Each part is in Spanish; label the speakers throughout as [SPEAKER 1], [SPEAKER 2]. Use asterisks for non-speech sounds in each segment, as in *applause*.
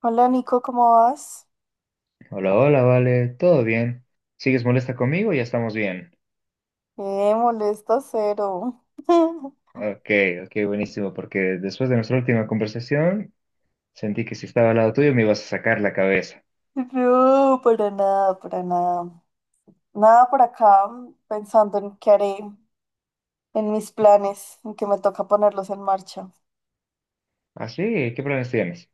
[SPEAKER 1] Hola Nico, ¿cómo vas?
[SPEAKER 2] Hola, hola, vale, todo bien. ¿Sigues molesta conmigo? Ya estamos bien.
[SPEAKER 1] Molesta cero. *laughs*
[SPEAKER 2] Ok, ok, buenísimo, porque después de nuestra última conversación sentí que si estaba al lado tuyo me ibas a sacar la cabeza.
[SPEAKER 1] No, para nada, para nada. Nada por acá, pensando en qué haré, en mis planes, en que me toca ponerlos en marcha.
[SPEAKER 2] ¿Ah, sí? ¿Qué planes tienes?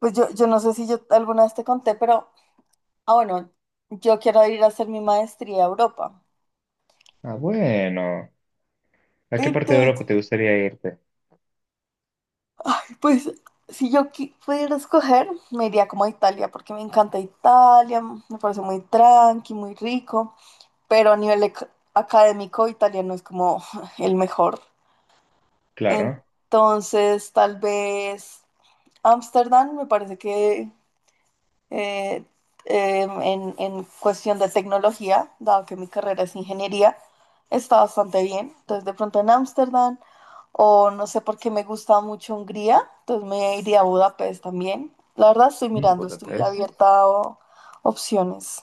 [SPEAKER 1] Pues yo no sé si yo alguna vez te conté, pero, bueno, yo quiero ir a hacer mi maestría a Europa.
[SPEAKER 2] Ah, bueno. ¿A qué parte de
[SPEAKER 1] Entonces,
[SPEAKER 2] Europa te gustaría irte?
[SPEAKER 1] pues, si pudiera escoger, me iría como a Italia, porque me encanta Italia, me parece muy tranqui, muy rico. Pero a nivel académico italiano es como *laughs* el mejor.
[SPEAKER 2] Claro.
[SPEAKER 1] Entonces, tal vez Ámsterdam me parece que eh, en cuestión de tecnología, dado que mi carrera es ingeniería, está bastante bien. Entonces, de pronto en Ámsterdam, o no sé por qué me gusta mucho Hungría, entonces me iría a Budapest también. La verdad estoy
[SPEAKER 2] Mm,
[SPEAKER 1] mirando, estoy
[SPEAKER 2] Budapest.
[SPEAKER 1] abierta a opciones.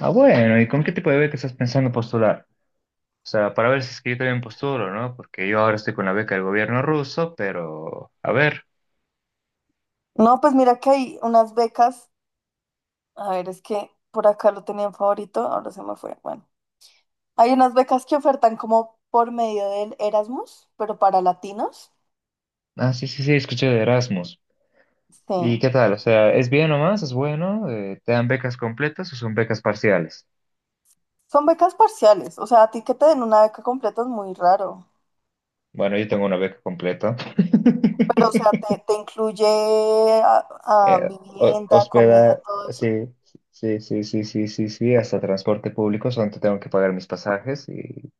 [SPEAKER 2] Ah, bueno, ¿y con qué tipo de beca estás pensando postular? O sea, para ver si es que yo también postulo, ¿no? Porque yo ahora estoy con la beca del gobierno ruso, pero a ver.
[SPEAKER 1] No, pues mira que hay unas becas. A ver, es que por acá lo tenía en favorito, ahora se me fue. Bueno, hay unas becas que ofertan como por medio del Erasmus, pero para latinos.
[SPEAKER 2] Ah, sí, sí, sí, escuché de Erasmus. ¿Y
[SPEAKER 1] Sí.
[SPEAKER 2] qué tal? O sea, ¿es bien nomás? ¿Es bueno? ¿Te dan becas completas o son becas parciales?
[SPEAKER 1] Son becas parciales, o sea, a ti que te den una beca completa es muy raro.
[SPEAKER 2] Bueno, yo tengo una beca completa.
[SPEAKER 1] Pero, o sea,
[SPEAKER 2] *laughs*
[SPEAKER 1] te incluye a- a
[SPEAKER 2] Eh,
[SPEAKER 1] vivienda, comida,
[SPEAKER 2] Hospeda,
[SPEAKER 1] todo
[SPEAKER 2] sí,
[SPEAKER 1] eso.
[SPEAKER 2] sí, sí, sí, sí, sí, sí, hasta transporte público, solamente tengo que pagar mis pasajes y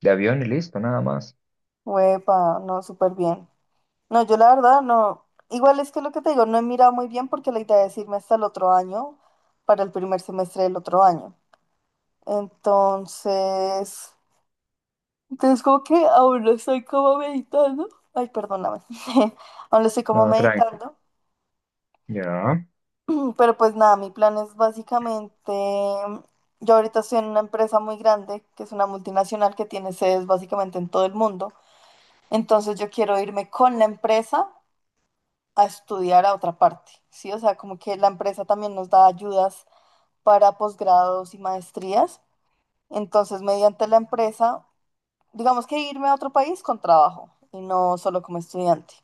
[SPEAKER 2] de avión y listo, nada más.
[SPEAKER 1] Huepa, no, súper bien. No, yo la verdad no. Igual es que lo que te digo, no he mirado muy bien porque la idea es irme hasta el otro año, para el primer semestre del otro año. Entonces. Entonces, como que aún no estoy como meditando. Ay, perdóname. *laughs* Aún no estoy como
[SPEAKER 2] No, tranqui.
[SPEAKER 1] meditando.
[SPEAKER 2] Ya.
[SPEAKER 1] *clears throat* Pero pues nada, mi plan es básicamente, yo ahorita estoy en una empresa muy grande, que es una multinacional que tiene sedes básicamente en todo el mundo. Entonces yo quiero irme con la empresa a estudiar a otra parte, ¿sí? O sea, como que la empresa también nos da ayudas para posgrados y maestrías. Entonces, mediante la empresa, digamos que irme a otro país con trabajo y no solo como estudiante.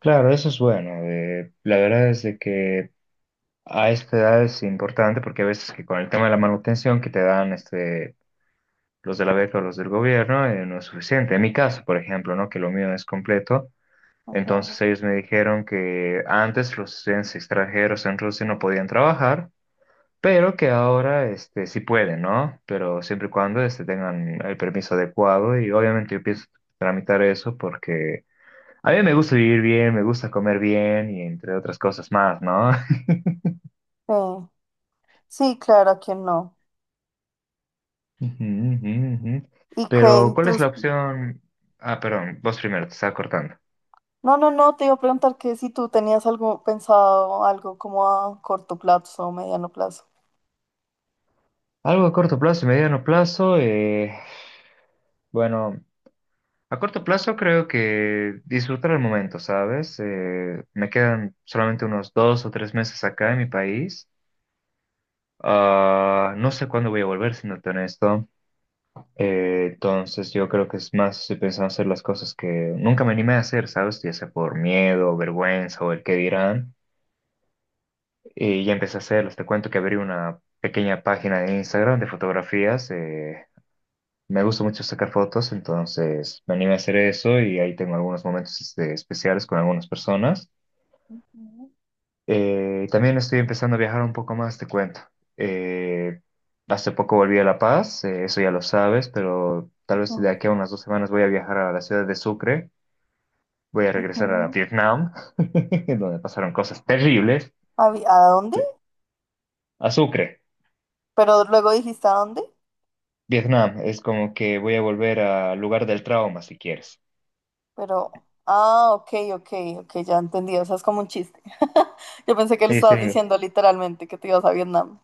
[SPEAKER 2] Claro, eso es bueno. La verdad es de que a esta edad es importante porque a veces que con el tema de la manutención que te dan este los de la beca o los del gobierno, no es suficiente. En mi caso, por ejemplo, ¿no? Que lo mío es completo.
[SPEAKER 1] Ajá.
[SPEAKER 2] Entonces ellos me dijeron que antes los estudiantes extranjeros en Rusia no podían trabajar, pero que ahora este, sí pueden, ¿no? Pero siempre y cuando este, tengan el permiso adecuado y obviamente yo pienso tramitar eso porque a mí me gusta vivir bien, me gusta comer bien y entre otras cosas más, ¿no?
[SPEAKER 1] Sí, sí, claro, ¿a quién no?
[SPEAKER 2] *laughs* Ujú, ujú, ujú.
[SPEAKER 1] Y
[SPEAKER 2] Pero ¿cuál es la opción? Ah, perdón, vos primero, te estaba cortando.
[SPEAKER 1] No, no, no, te iba a preguntar que si tú tenías algo pensado, algo como a corto plazo o mediano plazo.
[SPEAKER 2] Algo a corto plazo y mediano plazo, bueno, a corto plazo creo que disfrutar el momento, ¿sabes? Me quedan solamente unos 2 o 3 meses acá en mi país. Ah, no sé cuándo voy a volver, siéndote honesto. Entonces yo creo que es más, estoy pensando hacer las cosas que nunca me animé a hacer, ¿sabes? Ya sea por miedo, vergüenza o el qué dirán. Y ya empecé a hacerlas. Te cuento que abrí una pequeña página de Instagram de fotografías. Me gusta mucho sacar fotos, entonces me animé a hacer eso y ahí tengo algunos momentos este, especiales con algunas personas.
[SPEAKER 1] Ujú,
[SPEAKER 2] También estoy empezando a viajar un poco más, te cuento. Eh, Hace poco volví a La Paz, eso ya lo sabes, pero tal vez de aquí a unas 2 semanas voy a viajar a la ciudad de Sucre, voy a regresar a
[SPEAKER 1] ujú.
[SPEAKER 2] Vietnam, *laughs* donde pasaron cosas terribles.
[SPEAKER 1] ¿A, a dónde?
[SPEAKER 2] Pe- A Sucre,
[SPEAKER 1] Pero luego dijiste a dónde,
[SPEAKER 2] Vietnam, es como que voy a volver al lugar del trauma, si quieres.
[SPEAKER 1] pero... Ah, ok, ok, ok, ya entendí, o sea, es como un chiste. *laughs* Yo pensé que le
[SPEAKER 2] Sí, sí.
[SPEAKER 1] estabas diciendo literalmente que te ibas a Vietnam.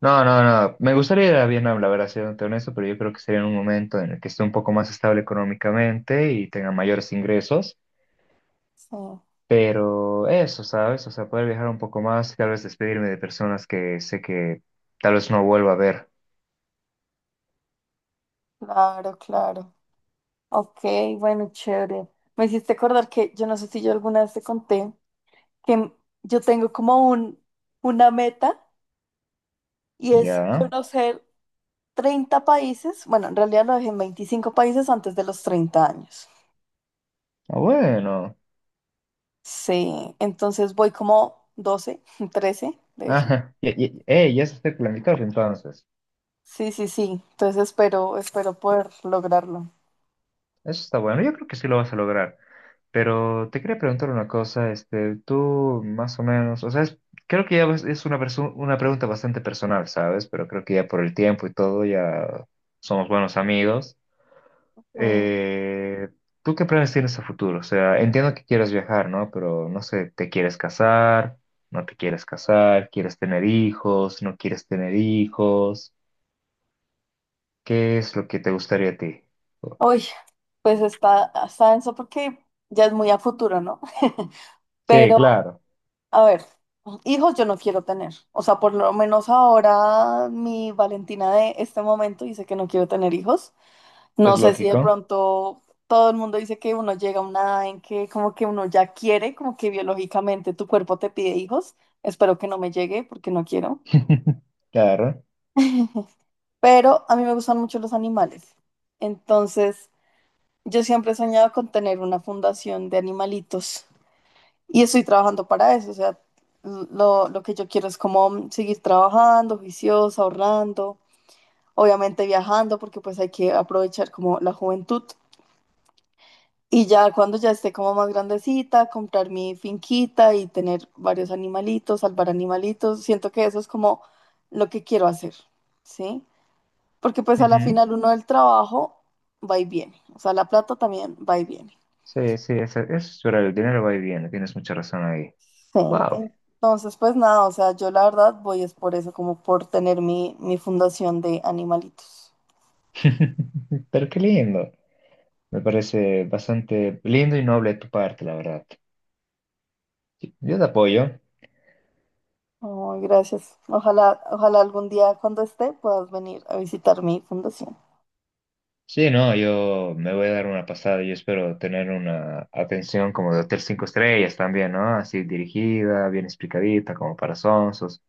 [SPEAKER 2] No, no, no. Me gustaría ir a Vietnam, la verdad, siendo honesto, pero yo creo que sería en un momento en el que esté un poco más estable económicamente y tenga mayores ingresos.
[SPEAKER 1] Sí,
[SPEAKER 2] Pero eso, ¿sabes? O sea, poder viajar un poco más, tal vez despedirme de personas que sé que tal vez no vuelva a ver.
[SPEAKER 1] claro, claro. Ok, bueno, chévere. Me hiciste acordar que yo no sé si yo alguna vez te conté. Que yo tengo como una meta y es
[SPEAKER 2] Ya.
[SPEAKER 1] conocer 30 países, bueno, en realidad lo dejé en 25 países antes de los 30 años.
[SPEAKER 2] Ah, bueno.
[SPEAKER 1] Sí, entonces voy como 12 *laughs* 13
[SPEAKER 2] *laughs*
[SPEAKER 1] de hecho.
[SPEAKER 2] Ajá. Ya se está planificado entonces.
[SPEAKER 1] Sí, sí, sí, entonces espero, espero poder lograrlo.
[SPEAKER 2] Eso está bueno, yo creo que sí lo vas a lograr. Pero te quería preguntar una cosa, este, tú más o menos, o sea, creo que es una, una pregunta bastante personal, ¿sabes? Pero creo que ya por el tiempo y todo ya somos buenos amigos.
[SPEAKER 1] Mm.
[SPEAKER 2] Eh, ¿Tú qué planes tienes a futuro? O sea, entiendo que quieres viajar, ¿no? Pero no sé, ¿te quieres casar? ¿No te quieres casar? ¿Quieres tener hijos? ¿No quieres tener hijos? ¿Qué es lo que te gustaría a ti?
[SPEAKER 1] Uy, pues está, está denso porque ya es muy a futuro, ¿no? *laughs*
[SPEAKER 2] Sí,
[SPEAKER 1] Pero,
[SPEAKER 2] claro,
[SPEAKER 1] a ver, hijos yo no quiero tener. O sea, por lo menos ahora mi Valentina de este momento dice que no quiero tener hijos. No
[SPEAKER 2] es
[SPEAKER 1] sé si de
[SPEAKER 2] lógico.
[SPEAKER 1] pronto todo el mundo dice que uno llega a una edad en que como que uno ya quiere, como que biológicamente tu cuerpo te pide hijos. Espero que no me llegue porque no quiero.
[SPEAKER 2] *laughs* Claro.
[SPEAKER 1] Pero a mí me gustan mucho los animales. Entonces, yo siempre he soñado con tener una fundación de animalitos. Y estoy trabajando para eso, o sea, lo que yo quiero es como seguir trabajando, juiciosa, ahorrando, obviamente viajando, porque pues hay que aprovechar como la juventud. Y ya cuando ya esté como más grandecita, comprar mi finquita y tener varios animalitos, salvar animalitos, siento que eso es como lo que quiero hacer, ¿sí? Porque pues a la
[SPEAKER 2] Ujú.
[SPEAKER 1] final uno del trabajo va y viene, o sea, la plata también va y viene.
[SPEAKER 2] Sí, sí, eso es verdad, el dinero va y viene, tienes mucha razón ahí.
[SPEAKER 1] Sí.
[SPEAKER 2] Wow,
[SPEAKER 1] Entonces, pues nada, o sea, yo la verdad voy es por eso, como por tener mi fundación de animalitos.
[SPEAKER 2] *laughs* pero qué lindo. Me parece bastante lindo y noble de tu parte, la verdad. Sí, yo te apoyo.
[SPEAKER 1] Ay, gracias. Ojalá, ojalá algún día cuando esté puedas venir a visitar mi fundación.
[SPEAKER 2] Sí, no, yo me voy a dar una pasada y espero tener una atención como de hotel 5 estrellas también, ¿no? Así dirigida, bien explicadita, como para sonsos.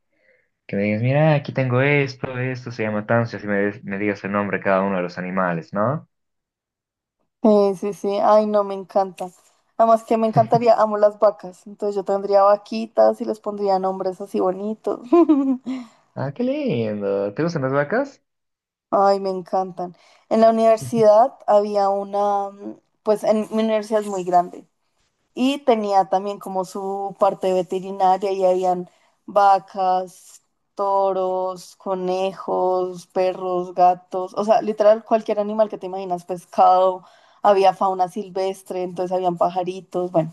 [SPEAKER 2] Que me digas, mira, aquí tengo esto, esto se llama tanso, y así me digas el nombre de cada uno de los animales, ¿no?
[SPEAKER 1] Sí, sí, sí. Ay, no, me encanta. Además que me encantaría, amo las vacas. Entonces yo tendría vaquitas y les pondría nombres así bonitos. *laughs*
[SPEAKER 2] Ah, qué lindo. ¿Te gustan las vacas?
[SPEAKER 1] Ay, me encantan. En la
[SPEAKER 2] *laughs*
[SPEAKER 1] universidad había una, pues en mi universidad es muy grande. Y tenía también como su parte veterinaria y habían vacas, toros, conejos, perros, gatos, o sea, literal cualquier animal que te imaginas, pescado, había fauna silvestre, entonces habían pajaritos, bueno,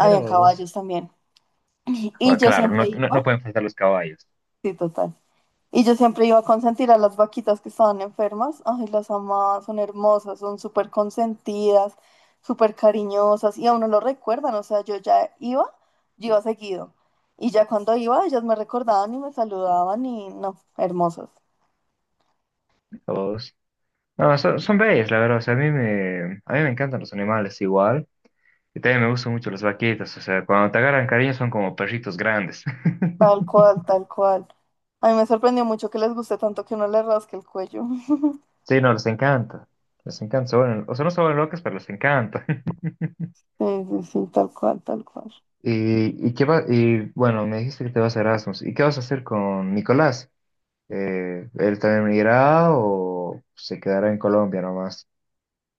[SPEAKER 2] Mira vos.
[SPEAKER 1] caballos también. Y
[SPEAKER 2] Ah,
[SPEAKER 1] yo
[SPEAKER 2] claro, no,
[SPEAKER 1] siempre
[SPEAKER 2] no,
[SPEAKER 1] iba,
[SPEAKER 2] no pueden faltar los caballos.
[SPEAKER 1] sí, total. Y yo siempre iba a consentir a las vaquitas que estaban enfermas. Ay, las amaba, son hermosas, son súper consentidas, súper cariñosas. Y a uno lo recuerdan, o sea, yo ya iba, yo iba seguido. Y ya cuando iba, ellas me recordaban y me saludaban y no, hermosas.
[SPEAKER 2] Vos. No, son bellos, la verdad. O sea, a mí me encantan los animales igual. Y también me gustan mucho las vaquitas. O sea, cuando te agarran cariño son como perritos grandes.
[SPEAKER 1] Tal
[SPEAKER 2] *laughs*
[SPEAKER 1] cual, tal cual. A mí me sorprendió mucho que les guste tanto que uno le rasque el cuello. *laughs*
[SPEAKER 2] Sí, no, les encanta. Les encanta. O sea, no se vuelven locas, pero les encanta. *laughs*
[SPEAKER 1] Sí, sí, sí, tal cual, tal cual.
[SPEAKER 2] Y, qué va, y bueno, me dijiste que te vas a Erasmus. ¿Y qué vas a hacer con Nicolás? ¿Él también irá o se quedará en Colombia nomás?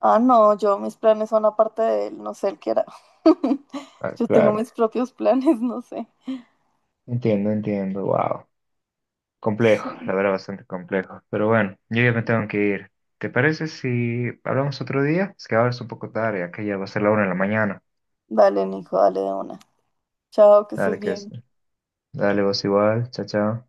[SPEAKER 1] Ah, no, yo mis planes son aparte de él, no sé él qué era. *laughs*
[SPEAKER 2] Ah,
[SPEAKER 1] Yo tengo
[SPEAKER 2] claro.
[SPEAKER 1] mis propios planes, no sé.
[SPEAKER 2] Entiendo, entiendo, wow.
[SPEAKER 1] Sí.
[SPEAKER 2] Complejo, la verdad, bastante complejo. Pero bueno, yo ya me tengo que ir. ¿Te parece si hablamos otro día? Es que ahora es un poco tarde, acá ya va a ser la una de la mañana.
[SPEAKER 1] Dale, Nico, dale de una. Chao, que estés
[SPEAKER 2] Dale, que es.
[SPEAKER 1] bien.
[SPEAKER 2] Dale, vos igual, chao, chao.